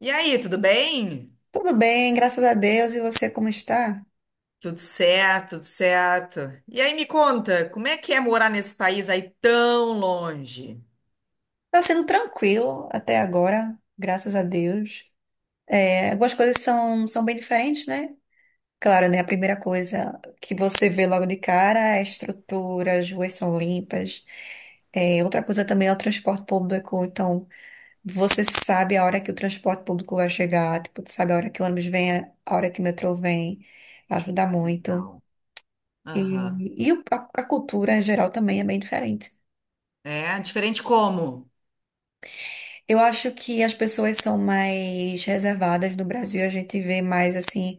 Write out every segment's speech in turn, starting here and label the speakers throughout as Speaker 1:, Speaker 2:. Speaker 1: E aí, tudo bem?
Speaker 2: Tudo bem, graças a Deus. E você como está?
Speaker 1: Tudo certo, tudo certo. E aí, me conta, como é que é morar nesse país aí tão longe?
Speaker 2: Está sendo tranquilo até agora, graças a Deus. É, algumas coisas são bem diferentes, né? Claro, né? A primeira coisa que você vê logo de cara é a estrutura, as ruas são limpas. É, outra coisa também é o transporte público. Então, você sabe a hora que o transporte público vai chegar, tipo, tu sabe a hora que o ônibus vem, a hora que o metrô vem. Ajuda muito.
Speaker 1: Legal.
Speaker 2: E,
Speaker 1: Aham.
Speaker 2: e o- a a cultura em geral também é bem diferente.
Speaker 1: Diferente como?
Speaker 2: Eu acho que as pessoas são mais reservadas no Brasil, a gente vê mais assim,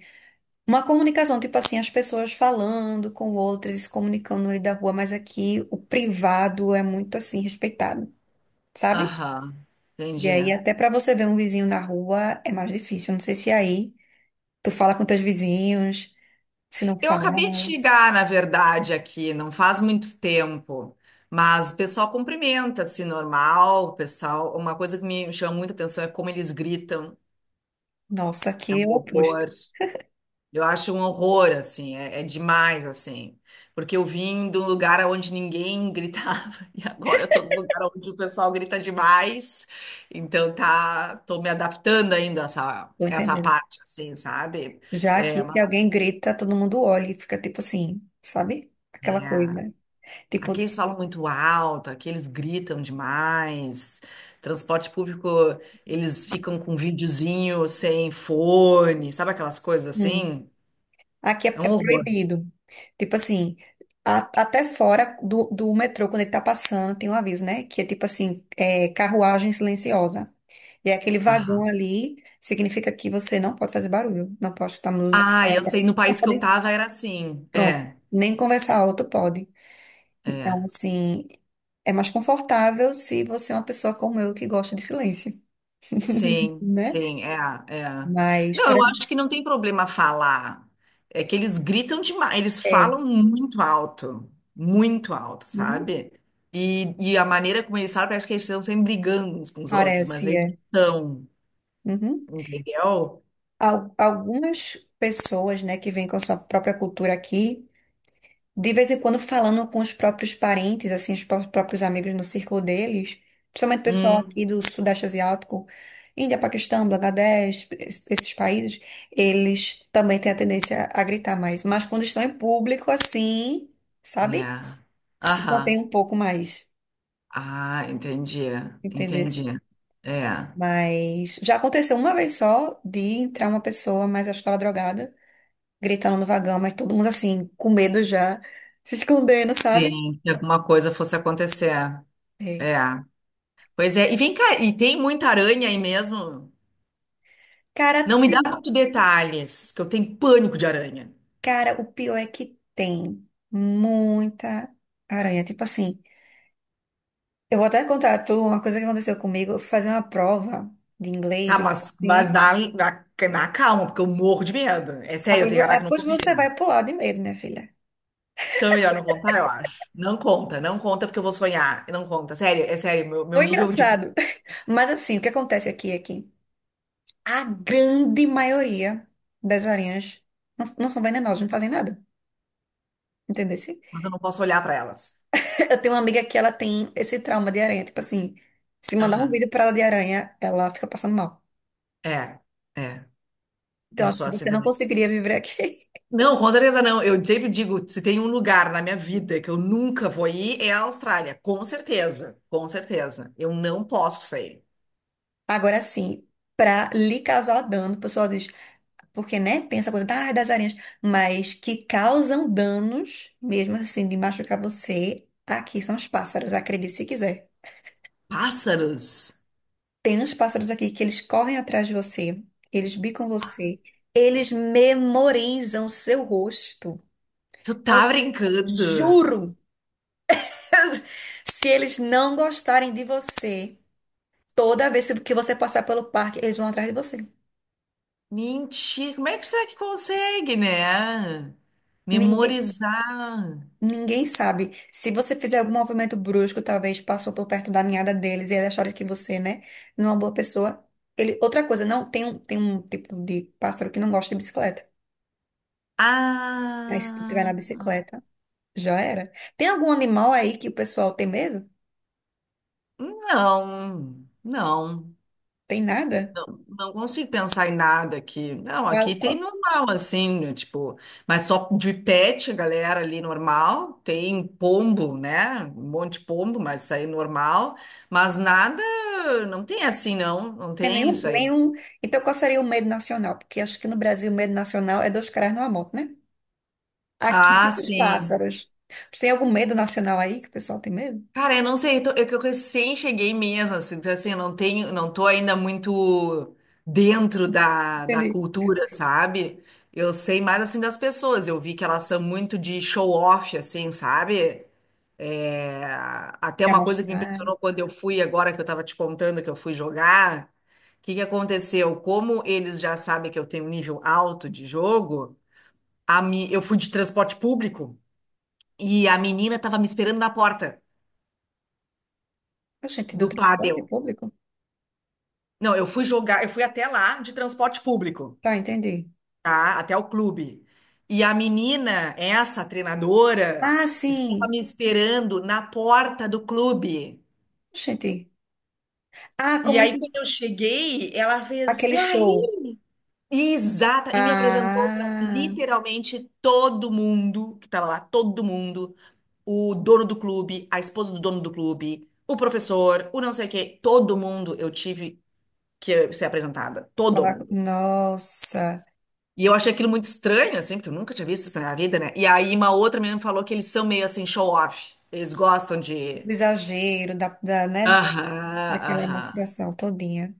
Speaker 2: uma comunicação, tipo assim, as pessoas falando com outras e se comunicando no meio da rua, mas aqui o privado é muito assim respeitado, sabe?
Speaker 1: Aham,
Speaker 2: E
Speaker 1: entendi.
Speaker 2: aí até pra você ver um vizinho na rua é mais difícil. Não sei se aí tu fala com teus vizinhos, se não
Speaker 1: Eu
Speaker 2: fala,
Speaker 1: acabei de chegar, na verdade, aqui, não faz muito tempo, mas o pessoal cumprimenta, assim, normal, o pessoal, uma coisa que me chama muita atenção é como eles gritam,
Speaker 2: nossa,
Speaker 1: é
Speaker 2: aqui
Speaker 1: um
Speaker 2: é o oposto.
Speaker 1: horror. Eu acho um horror, assim, é demais, assim. Porque eu vim de um lugar onde ninguém gritava, e agora eu tô num lugar onde o pessoal grita demais. Então tá, tô me adaptando ainda a
Speaker 2: Tô
Speaker 1: essa
Speaker 2: entendendo.
Speaker 1: parte, assim, sabe?
Speaker 2: Já
Speaker 1: É,
Speaker 2: aqui
Speaker 1: mas,
Speaker 2: se alguém grita, todo mundo olha e fica tipo assim, sabe? Aquela
Speaker 1: é,
Speaker 2: coisa.
Speaker 1: Aqui
Speaker 2: Tipo,
Speaker 1: eles falam muito alto, aqui eles gritam demais. Transporte público, eles ficam com videozinho sem fone, sabe aquelas coisas
Speaker 2: hum.
Speaker 1: assim?
Speaker 2: Aqui é,
Speaker 1: É
Speaker 2: é
Speaker 1: um horror.
Speaker 2: proibido. Tipo assim, até fora do metrô, quando ele tá passando, tem um aviso, né? Que é tipo assim, é, carruagem silenciosa. E é aquele vagão
Speaker 1: Aham.
Speaker 2: ali significa que você não pode fazer barulho, não pode escutar música,
Speaker 1: Ah, eu sei, no
Speaker 2: não
Speaker 1: país que eu
Speaker 2: pode,
Speaker 1: tava era assim.
Speaker 2: pronto,
Speaker 1: É,
Speaker 2: nem conversar alto pode. Então,
Speaker 1: é.
Speaker 2: assim, é mais confortável se você é uma pessoa como eu que gosta de silêncio,
Speaker 1: Sim,
Speaker 2: né?
Speaker 1: sim, é.
Speaker 2: Mas,
Speaker 1: Não,
Speaker 2: por
Speaker 1: eu
Speaker 2: exemplo,
Speaker 1: acho que não tem problema falar. É que eles gritam demais, eles
Speaker 2: é,
Speaker 1: falam muito alto,
Speaker 2: uhum,
Speaker 1: sabe? E a maneira como eles falam parece que eles estão sempre brigando uns com os outros, mas
Speaker 2: parece,
Speaker 1: eles
Speaker 2: é.
Speaker 1: não
Speaker 2: Uhum.
Speaker 1: estão, entendeu?
Speaker 2: Algumas pessoas, né, que vêm com a sua própria cultura aqui, de vez em quando falando com os próprios parentes, assim, os próprios amigos no círculo deles, principalmente o pessoal
Speaker 1: Hum,
Speaker 2: aqui do Sudeste Asiático, Índia, Paquistão, Bangladesh, esses países, eles também têm a tendência a gritar mais. Mas quando estão em público, assim, sabe?
Speaker 1: é.
Speaker 2: Se contém
Speaker 1: Aham.
Speaker 2: um pouco mais,
Speaker 1: Ah,
Speaker 2: entendeu?
Speaker 1: entendi. É.
Speaker 2: Mas já aconteceu uma vez só de entrar uma pessoa, mas eu estava drogada, gritando no vagão, mas todo mundo assim, com medo já, se escondendo, sabe?
Speaker 1: Sim, que alguma coisa fosse acontecer.
Speaker 2: É.
Speaker 1: É. Pois é, e vem cá, e tem muita aranha aí mesmo?
Speaker 2: Cara,
Speaker 1: Não me dá
Speaker 2: tem.
Speaker 1: muito detalhes, que eu tenho pânico de aranha.
Speaker 2: Cara, o pior é que tem muita aranha. Tipo assim, eu vou até contar a tu uma coisa que aconteceu comigo. Eu fui fazer uma prova de inglês.
Speaker 1: Tá,
Speaker 2: De...
Speaker 1: mas
Speaker 2: Sim.
Speaker 1: na, na calma, porque eu morro de medo. É sério, eu
Speaker 2: Depois
Speaker 1: tenho
Speaker 2: depois
Speaker 1: aracnofobia.
Speaker 2: você vai pular de medo, minha filha.
Speaker 1: Então, melhor não contar, eu acho. Não conta, não conta, porque eu vou sonhar. Não conta, sério, é sério, meu
Speaker 2: Foi
Speaker 1: nível de pânico.
Speaker 2: engraçado. Mas assim, o que acontece aqui é que a grande maioria das aranhas não são venenosas, não fazem nada. Entendeu?
Speaker 1: Eu não posso olhar pra elas.
Speaker 2: Eu tenho uma amiga que ela tem esse trauma de aranha. Tipo assim, se mandar um
Speaker 1: Aham.
Speaker 2: vídeo pra ela de aranha, ela fica passando mal.
Speaker 1: É, é,
Speaker 2: Então,
Speaker 1: eu
Speaker 2: acho
Speaker 1: sou
Speaker 2: que
Speaker 1: assim
Speaker 2: você não
Speaker 1: também.
Speaker 2: conseguiria viver aqui.
Speaker 1: Não, com certeza não. Eu sempre digo, se tem um lugar na minha vida que eu nunca vou ir, é a Austrália. Com certeza, com certeza. Eu não posso sair.
Speaker 2: Agora sim, pra lhe causar dano, o pessoal diz, porque, né, tem essa coisa ah, das aranhas, mas que causam danos, mesmo assim, de machucar você, aqui são os pássaros, acredite se quiser.
Speaker 1: Pássaros,
Speaker 2: Tem uns pássaros aqui que eles correm atrás de você, eles bicam você, eles memorizam seu rosto.
Speaker 1: tu
Speaker 2: Eu
Speaker 1: tá brincando?
Speaker 2: juro! Se eles não gostarem de você, toda vez que você passar pelo parque, eles vão atrás de você.
Speaker 1: Mentira, como é que será que consegue, né?
Speaker 2: Ninguém,
Speaker 1: Memorizar.
Speaker 2: ninguém sabe. Se você fizer algum movimento brusco, talvez passou por perto da ninhada deles e eles acharam que você, né, não é uma boa pessoa. Ele, outra coisa, não, tem um tipo de pássaro que não gosta de bicicleta. Aí se tu tiver
Speaker 1: Ah,
Speaker 2: na bicicleta, já era. Tem algum animal aí que o pessoal tem medo?
Speaker 1: não, não.
Speaker 2: Tem nada?
Speaker 1: Não consigo pensar em nada aqui. Não, aqui tem normal, assim, né, tipo, mas só de pet, galera ali normal. Tem pombo, né? Um monte de pombo, mas isso aí é normal. Mas nada, não tem assim, não. Não
Speaker 2: Tem
Speaker 1: tem
Speaker 2: nenhum,
Speaker 1: isso aí.
Speaker 2: nenhum. Então, qual seria o medo nacional? Porque acho que no Brasil o medo nacional é dois caras numa moto, né? Aqui
Speaker 1: Ah,
Speaker 2: são os
Speaker 1: sim.
Speaker 2: pássaros. Tem algum medo nacional aí que o pessoal tem medo?
Speaker 1: Cara, eu não sei, que eu recém cheguei mesmo, assim, então assim, eu não tenho, não tô ainda muito dentro da
Speaker 2: Entendi.
Speaker 1: cultura, sabe? Eu sei mais assim das pessoas, eu vi que elas são muito de show off, assim, sabe? É, até
Speaker 2: De
Speaker 1: uma coisa que me
Speaker 2: amostrar.
Speaker 1: impressionou quando eu fui, agora que eu estava te contando que eu fui jogar, o que que aconteceu? Como eles já sabem que eu tenho um nível alto de jogo, eu fui de transporte público e a menina estava me esperando na porta
Speaker 2: Ah, gente, do
Speaker 1: do pádel.
Speaker 2: transporte público?
Speaker 1: Não, eu fui jogar, eu fui até lá de transporte público,
Speaker 2: Tá, entendi.
Speaker 1: tá? Até o clube. E a menina, essa treinadora,
Speaker 2: Ah,
Speaker 1: estava
Speaker 2: sim.
Speaker 1: me esperando na porta do clube.
Speaker 2: Gente. Ah,
Speaker 1: E
Speaker 2: como
Speaker 1: aí,
Speaker 2: se-
Speaker 1: quando eu cheguei, ela fez,
Speaker 2: aquele
Speaker 1: e aí?
Speaker 2: show.
Speaker 1: Exata, e me apresentou para
Speaker 2: Ah,
Speaker 1: literalmente todo mundo que estava lá, todo mundo, o dono do clube, a esposa do dono do clube, o professor, o não sei o quê, todo mundo eu tive que ser apresentada, todo mundo.
Speaker 2: nossa,
Speaker 1: E eu achei aquilo muito estranho, assim, porque eu nunca tinha visto isso na minha vida, né? E aí uma outra menina me falou que eles são meio assim show-off, eles gostam de...
Speaker 2: do exagero da, né?
Speaker 1: Aham,
Speaker 2: Daquela
Speaker 1: aham,
Speaker 2: demonstração todinha.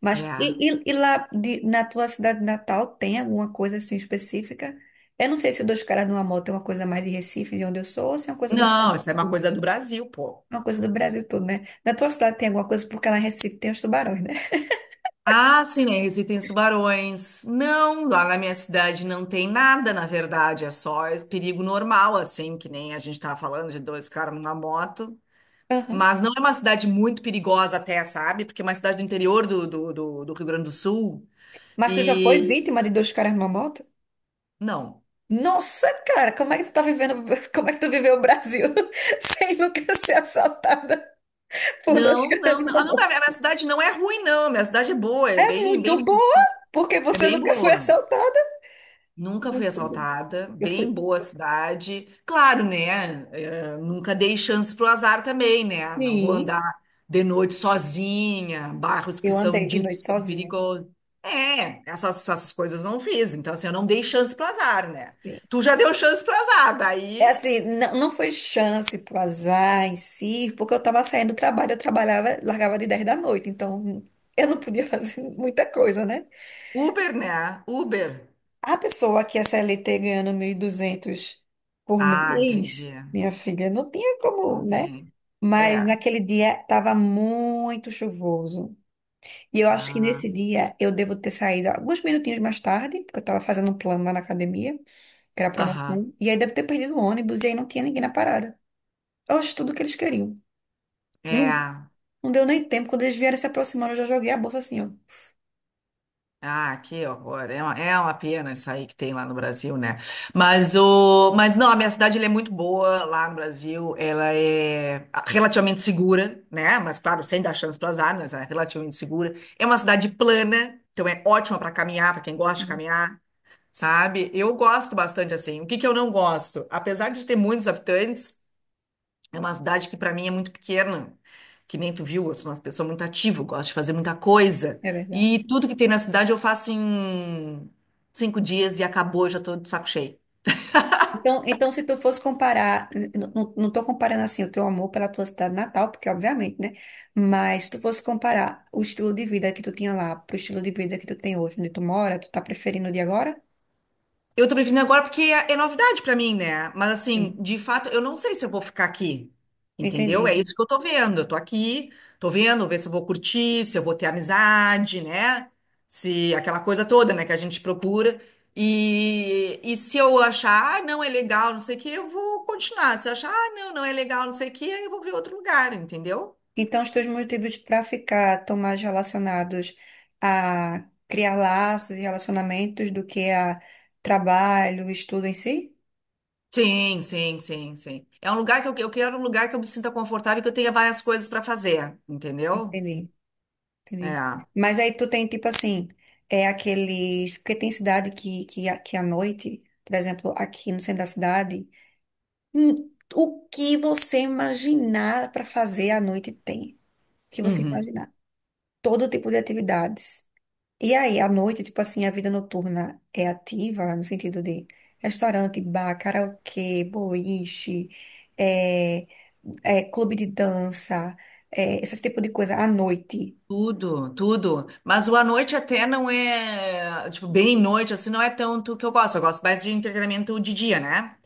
Speaker 2: Mas
Speaker 1: é.
Speaker 2: e lá na tua cidade natal tem alguma coisa assim específica? Eu não sei se o Dois Caras numa Moto é uma coisa mais de Recife, de onde eu sou, ou se é uma coisa do
Speaker 1: Não,
Speaker 2: Brasil
Speaker 1: isso é uma
Speaker 2: todo.
Speaker 1: coisa do Brasil, pô.
Speaker 2: É uma coisa do Brasil todo, né? Na tua cidade tem alguma coisa, porque lá em Recife tem os tubarões, né?
Speaker 1: Ah, sim, né? Recife tem os tubarões. Não, lá na minha cidade não tem nada, na verdade. É só esse perigo normal, assim, que nem a gente tava falando de dois caras numa moto.
Speaker 2: Aham.
Speaker 1: Mas não é uma cidade muito perigosa até, sabe? Porque é uma cidade do interior do Rio Grande do Sul.
Speaker 2: Mas tu já foi
Speaker 1: E
Speaker 2: vítima de Dois Caras numa Moto?
Speaker 1: não.
Speaker 2: Nossa, cara, como é que tu tá vivendo, como é que tu viveu o Brasil sem nunca ser assaltada por Dois
Speaker 1: Não,
Speaker 2: Caras
Speaker 1: não, não.
Speaker 2: numa
Speaker 1: Ah, não, a
Speaker 2: Moto?
Speaker 1: minha cidade não é ruim, não. A minha cidade é boa, é
Speaker 2: É muito
Speaker 1: bem,
Speaker 2: boa, porque
Speaker 1: é
Speaker 2: você
Speaker 1: bem
Speaker 2: nunca foi
Speaker 1: boa.
Speaker 2: assaltada.
Speaker 1: Nunca fui
Speaker 2: Muito bom.
Speaker 1: assaltada,
Speaker 2: Eu
Speaker 1: bem
Speaker 2: fui.
Speaker 1: boa cidade. Claro, né? Eh, nunca dei chance pro azar também, né? Não vou
Speaker 2: Sim.
Speaker 1: andar de noite sozinha, bairros que
Speaker 2: Eu
Speaker 1: são
Speaker 2: andei de noite
Speaker 1: ditos como
Speaker 2: sozinha.
Speaker 1: perigosos. É, essas coisas não fiz. Então, assim, eu não dei chance pro azar, né?
Speaker 2: Sim.
Speaker 1: Tu já deu chance pro azar,
Speaker 2: É
Speaker 1: daí
Speaker 2: assim, não, não foi chance pro azar em si, porque eu tava saindo do trabalho, eu trabalhava, largava de 10 da noite, então eu não podia fazer muita coisa, né?
Speaker 1: Uber, né? Uber.
Speaker 2: A pessoa que é CLT ganhando 1.200 por
Speaker 1: Ah,
Speaker 2: mês,
Speaker 1: entendi.
Speaker 2: minha filha, não tinha
Speaker 1: Não
Speaker 2: como, né?
Speaker 1: tem.
Speaker 2: Mas
Speaker 1: É.
Speaker 2: naquele dia estava muito chuvoso. E eu acho que
Speaker 1: Ah,
Speaker 2: nesse dia eu devo ter saído alguns minutinhos mais tarde, porque eu estava fazendo um plano lá na academia, que era
Speaker 1: aham.
Speaker 2: promoção. E aí deve ter perdido o ônibus e aí não tinha ninguém na parada. Oxe, tudo que eles queriam. Não,
Speaker 1: É.
Speaker 2: não deu nem tempo. Quando eles vieram se aproximando, eu já joguei a bolsa assim, ó.
Speaker 1: Ah, que horror. É uma pena isso aí que tem lá no Brasil, né? Mas não, a minha cidade ela é muito boa lá no Brasil. Ela é relativamente segura, né? Mas, claro, sem dar chance para as armas, é relativamente segura. É uma cidade plana, então é ótima para caminhar, para quem gosta de
Speaker 2: Ótimo.
Speaker 1: caminhar, sabe? Eu gosto bastante assim. O que que eu não gosto? Apesar de ter muitos habitantes. É uma cidade que para mim é muito pequena, que nem tu viu, eu sou uma pessoa muito ativa, eu gosto de fazer muita coisa.
Speaker 2: É verdade.
Speaker 1: E tudo que tem na cidade eu faço em cinco dias e acabou, eu já tô de saco cheio.
Speaker 2: Então, então, se tu fosse comparar, não tô comparando assim o teu amor pela tua cidade natal, porque obviamente, né? Mas se tu fosse comparar o estilo de vida que tu tinha lá pro estilo de vida que tu tem hoje, onde tu mora, tu tá preferindo o de agora?
Speaker 1: Eu tô me vindo agora porque é novidade pra mim, né? Mas assim,
Speaker 2: Sim.
Speaker 1: de fato, eu não sei se eu vou ficar aqui. Entendeu?
Speaker 2: Entendi.
Speaker 1: É isso que eu tô vendo. Eu tô aqui, tô vendo, ver se eu vou curtir, se eu vou ter amizade, né? Se aquela coisa toda, né, que a gente procura. E se eu achar, ah, não é legal, não sei o que, eu vou continuar. Se eu achar, ah, não, não é legal, não sei o que, aí eu vou ver outro lugar, entendeu?
Speaker 2: Então, os teus motivos para ficar tão mais relacionados a criar laços e relacionamentos do que a trabalho, estudo em si?
Speaker 1: Sim, sim, sim, sim. É um lugar que eu quero um lugar que eu me sinta confortável e que eu tenha várias coisas pra fazer, entendeu?
Speaker 2: Entendi, entendi.
Speaker 1: É.
Speaker 2: Mas aí tu tem, tipo assim, é aqueles... Porque tem cidade que à noite, por exemplo, aqui no centro da cidade, hum, o que você imaginar para fazer à noite tem. O que você
Speaker 1: Uhum.
Speaker 2: imaginar. Todo tipo de atividades. E aí, à noite, tipo assim, a vida noturna é ativa, no sentido de restaurante, bar, karaokê, boliche, é, é, clube de dança, é, esse tipo de coisa à noite.
Speaker 1: Tudo, tudo. Mas o à noite até não é, tipo, bem noite, assim, não é tanto que eu gosto. Eu gosto mais de entretenimento de dia, né?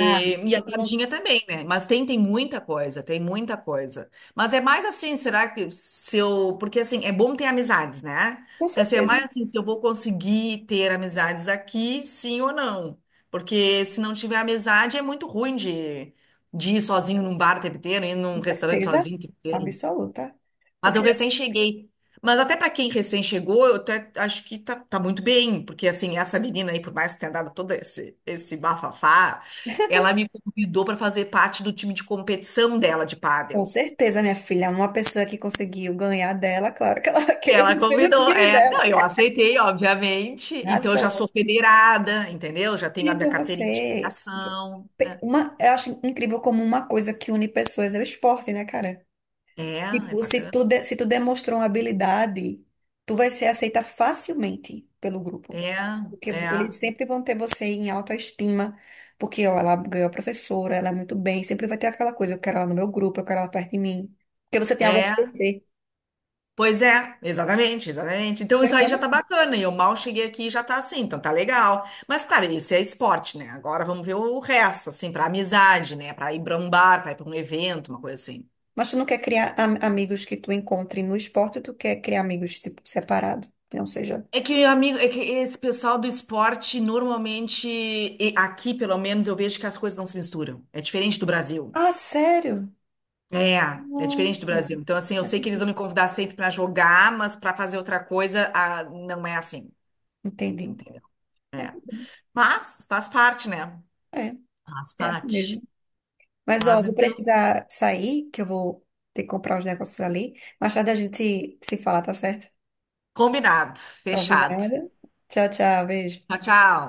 Speaker 2: Ah,
Speaker 1: e a
Speaker 2: eu não-
Speaker 1: tardinha também, né? Mas tem, tem muita coisa, tem muita coisa. Mas é mais assim, será que se eu. Porque assim, é bom ter amizades, né?
Speaker 2: com
Speaker 1: Então, assim, é
Speaker 2: certeza,
Speaker 1: mais assim, se eu vou conseguir ter amizades aqui, sim ou não. Porque se não tiver amizade, é muito ruim de ir sozinho num bar o tempo inteiro, ir num
Speaker 2: com
Speaker 1: restaurante
Speaker 2: certeza
Speaker 1: sozinho o tempo inteiro.
Speaker 2: absoluta.
Speaker 1: Mas
Speaker 2: Porque,
Speaker 1: eu recém cheguei. Mas até para quem recém chegou, eu até acho que tá muito bem, porque assim, essa menina aí, por mais que tenha dado todo esse bafafá, ela me convidou para fazer parte do time de competição dela de
Speaker 2: com
Speaker 1: pádel.
Speaker 2: certeza, minha filha, uma pessoa que conseguiu ganhar dela, claro que ela vai querer
Speaker 1: Ela
Speaker 2: você no
Speaker 1: convidou,
Speaker 2: time
Speaker 1: é.
Speaker 2: dela.
Speaker 1: Não, eu aceitei, obviamente. Então eu
Speaker 2: Razão.
Speaker 1: já sou federada, entendeu? Já tenho a minha
Speaker 2: Então,
Speaker 1: carteirinha de
Speaker 2: você.
Speaker 1: federação.
Speaker 2: Uma, eu acho incrível como uma coisa que une pessoas é o esporte, né, cara?
Speaker 1: É, é
Speaker 2: Tipo, se tu,
Speaker 1: bacana.
Speaker 2: de- se tu demonstrou uma habilidade, tu vai ser aceita facilmente pelo grupo.
Speaker 1: É,
Speaker 2: Porque
Speaker 1: é,
Speaker 2: eles sempre vão ter você em autoestima, porque ó, ela ganhou a professora, ela é muito bem, sempre vai ter aquela coisa, eu quero ela no meu grupo, eu quero ela perto de mim. Porque você tem algo a
Speaker 1: é.
Speaker 2: oferecer.
Speaker 1: Pois é, exatamente, exatamente. Então
Speaker 2: Ser
Speaker 1: isso aí já
Speaker 2: humano.
Speaker 1: tá bacana, e eu mal cheguei aqui e já tá assim, então tá legal. Mas, claro, isso é esporte, né? Agora vamos ver o resto, assim, pra amizade, né? Pra ir pra um bar, pra ir pra um evento, uma coisa assim.
Speaker 2: Mas tu não quer criar amigos que tu encontre no esporte, tu quer criar amigos, tipo, separado. Não seja.
Speaker 1: É que, amigo, é que esse pessoal do esporte, normalmente, e aqui pelo menos, eu vejo que as coisas não se misturam. É diferente do Brasil.
Speaker 2: Ah, sério?
Speaker 1: É, é diferente do
Speaker 2: Nossa.
Speaker 1: Brasil. Então, assim, eu sei que eles vão me convidar sempre pra jogar, mas pra fazer outra coisa, ah, não é assim,
Speaker 2: Entendi.
Speaker 1: entendeu?
Speaker 2: Então,
Speaker 1: É.
Speaker 2: tudo bem.
Speaker 1: Mas faz parte, né? Faz
Speaker 2: É, é assim
Speaker 1: parte.
Speaker 2: mesmo. Mas, ó,
Speaker 1: Mas
Speaker 2: vou
Speaker 1: então,
Speaker 2: precisar sair, que eu vou ter que comprar os negócios ali. Mais tarde a gente se fala, tá certo?
Speaker 1: combinado, fechado.
Speaker 2: Combinado. Tchau, tchau, beijo.
Speaker 1: Tchau, tchau.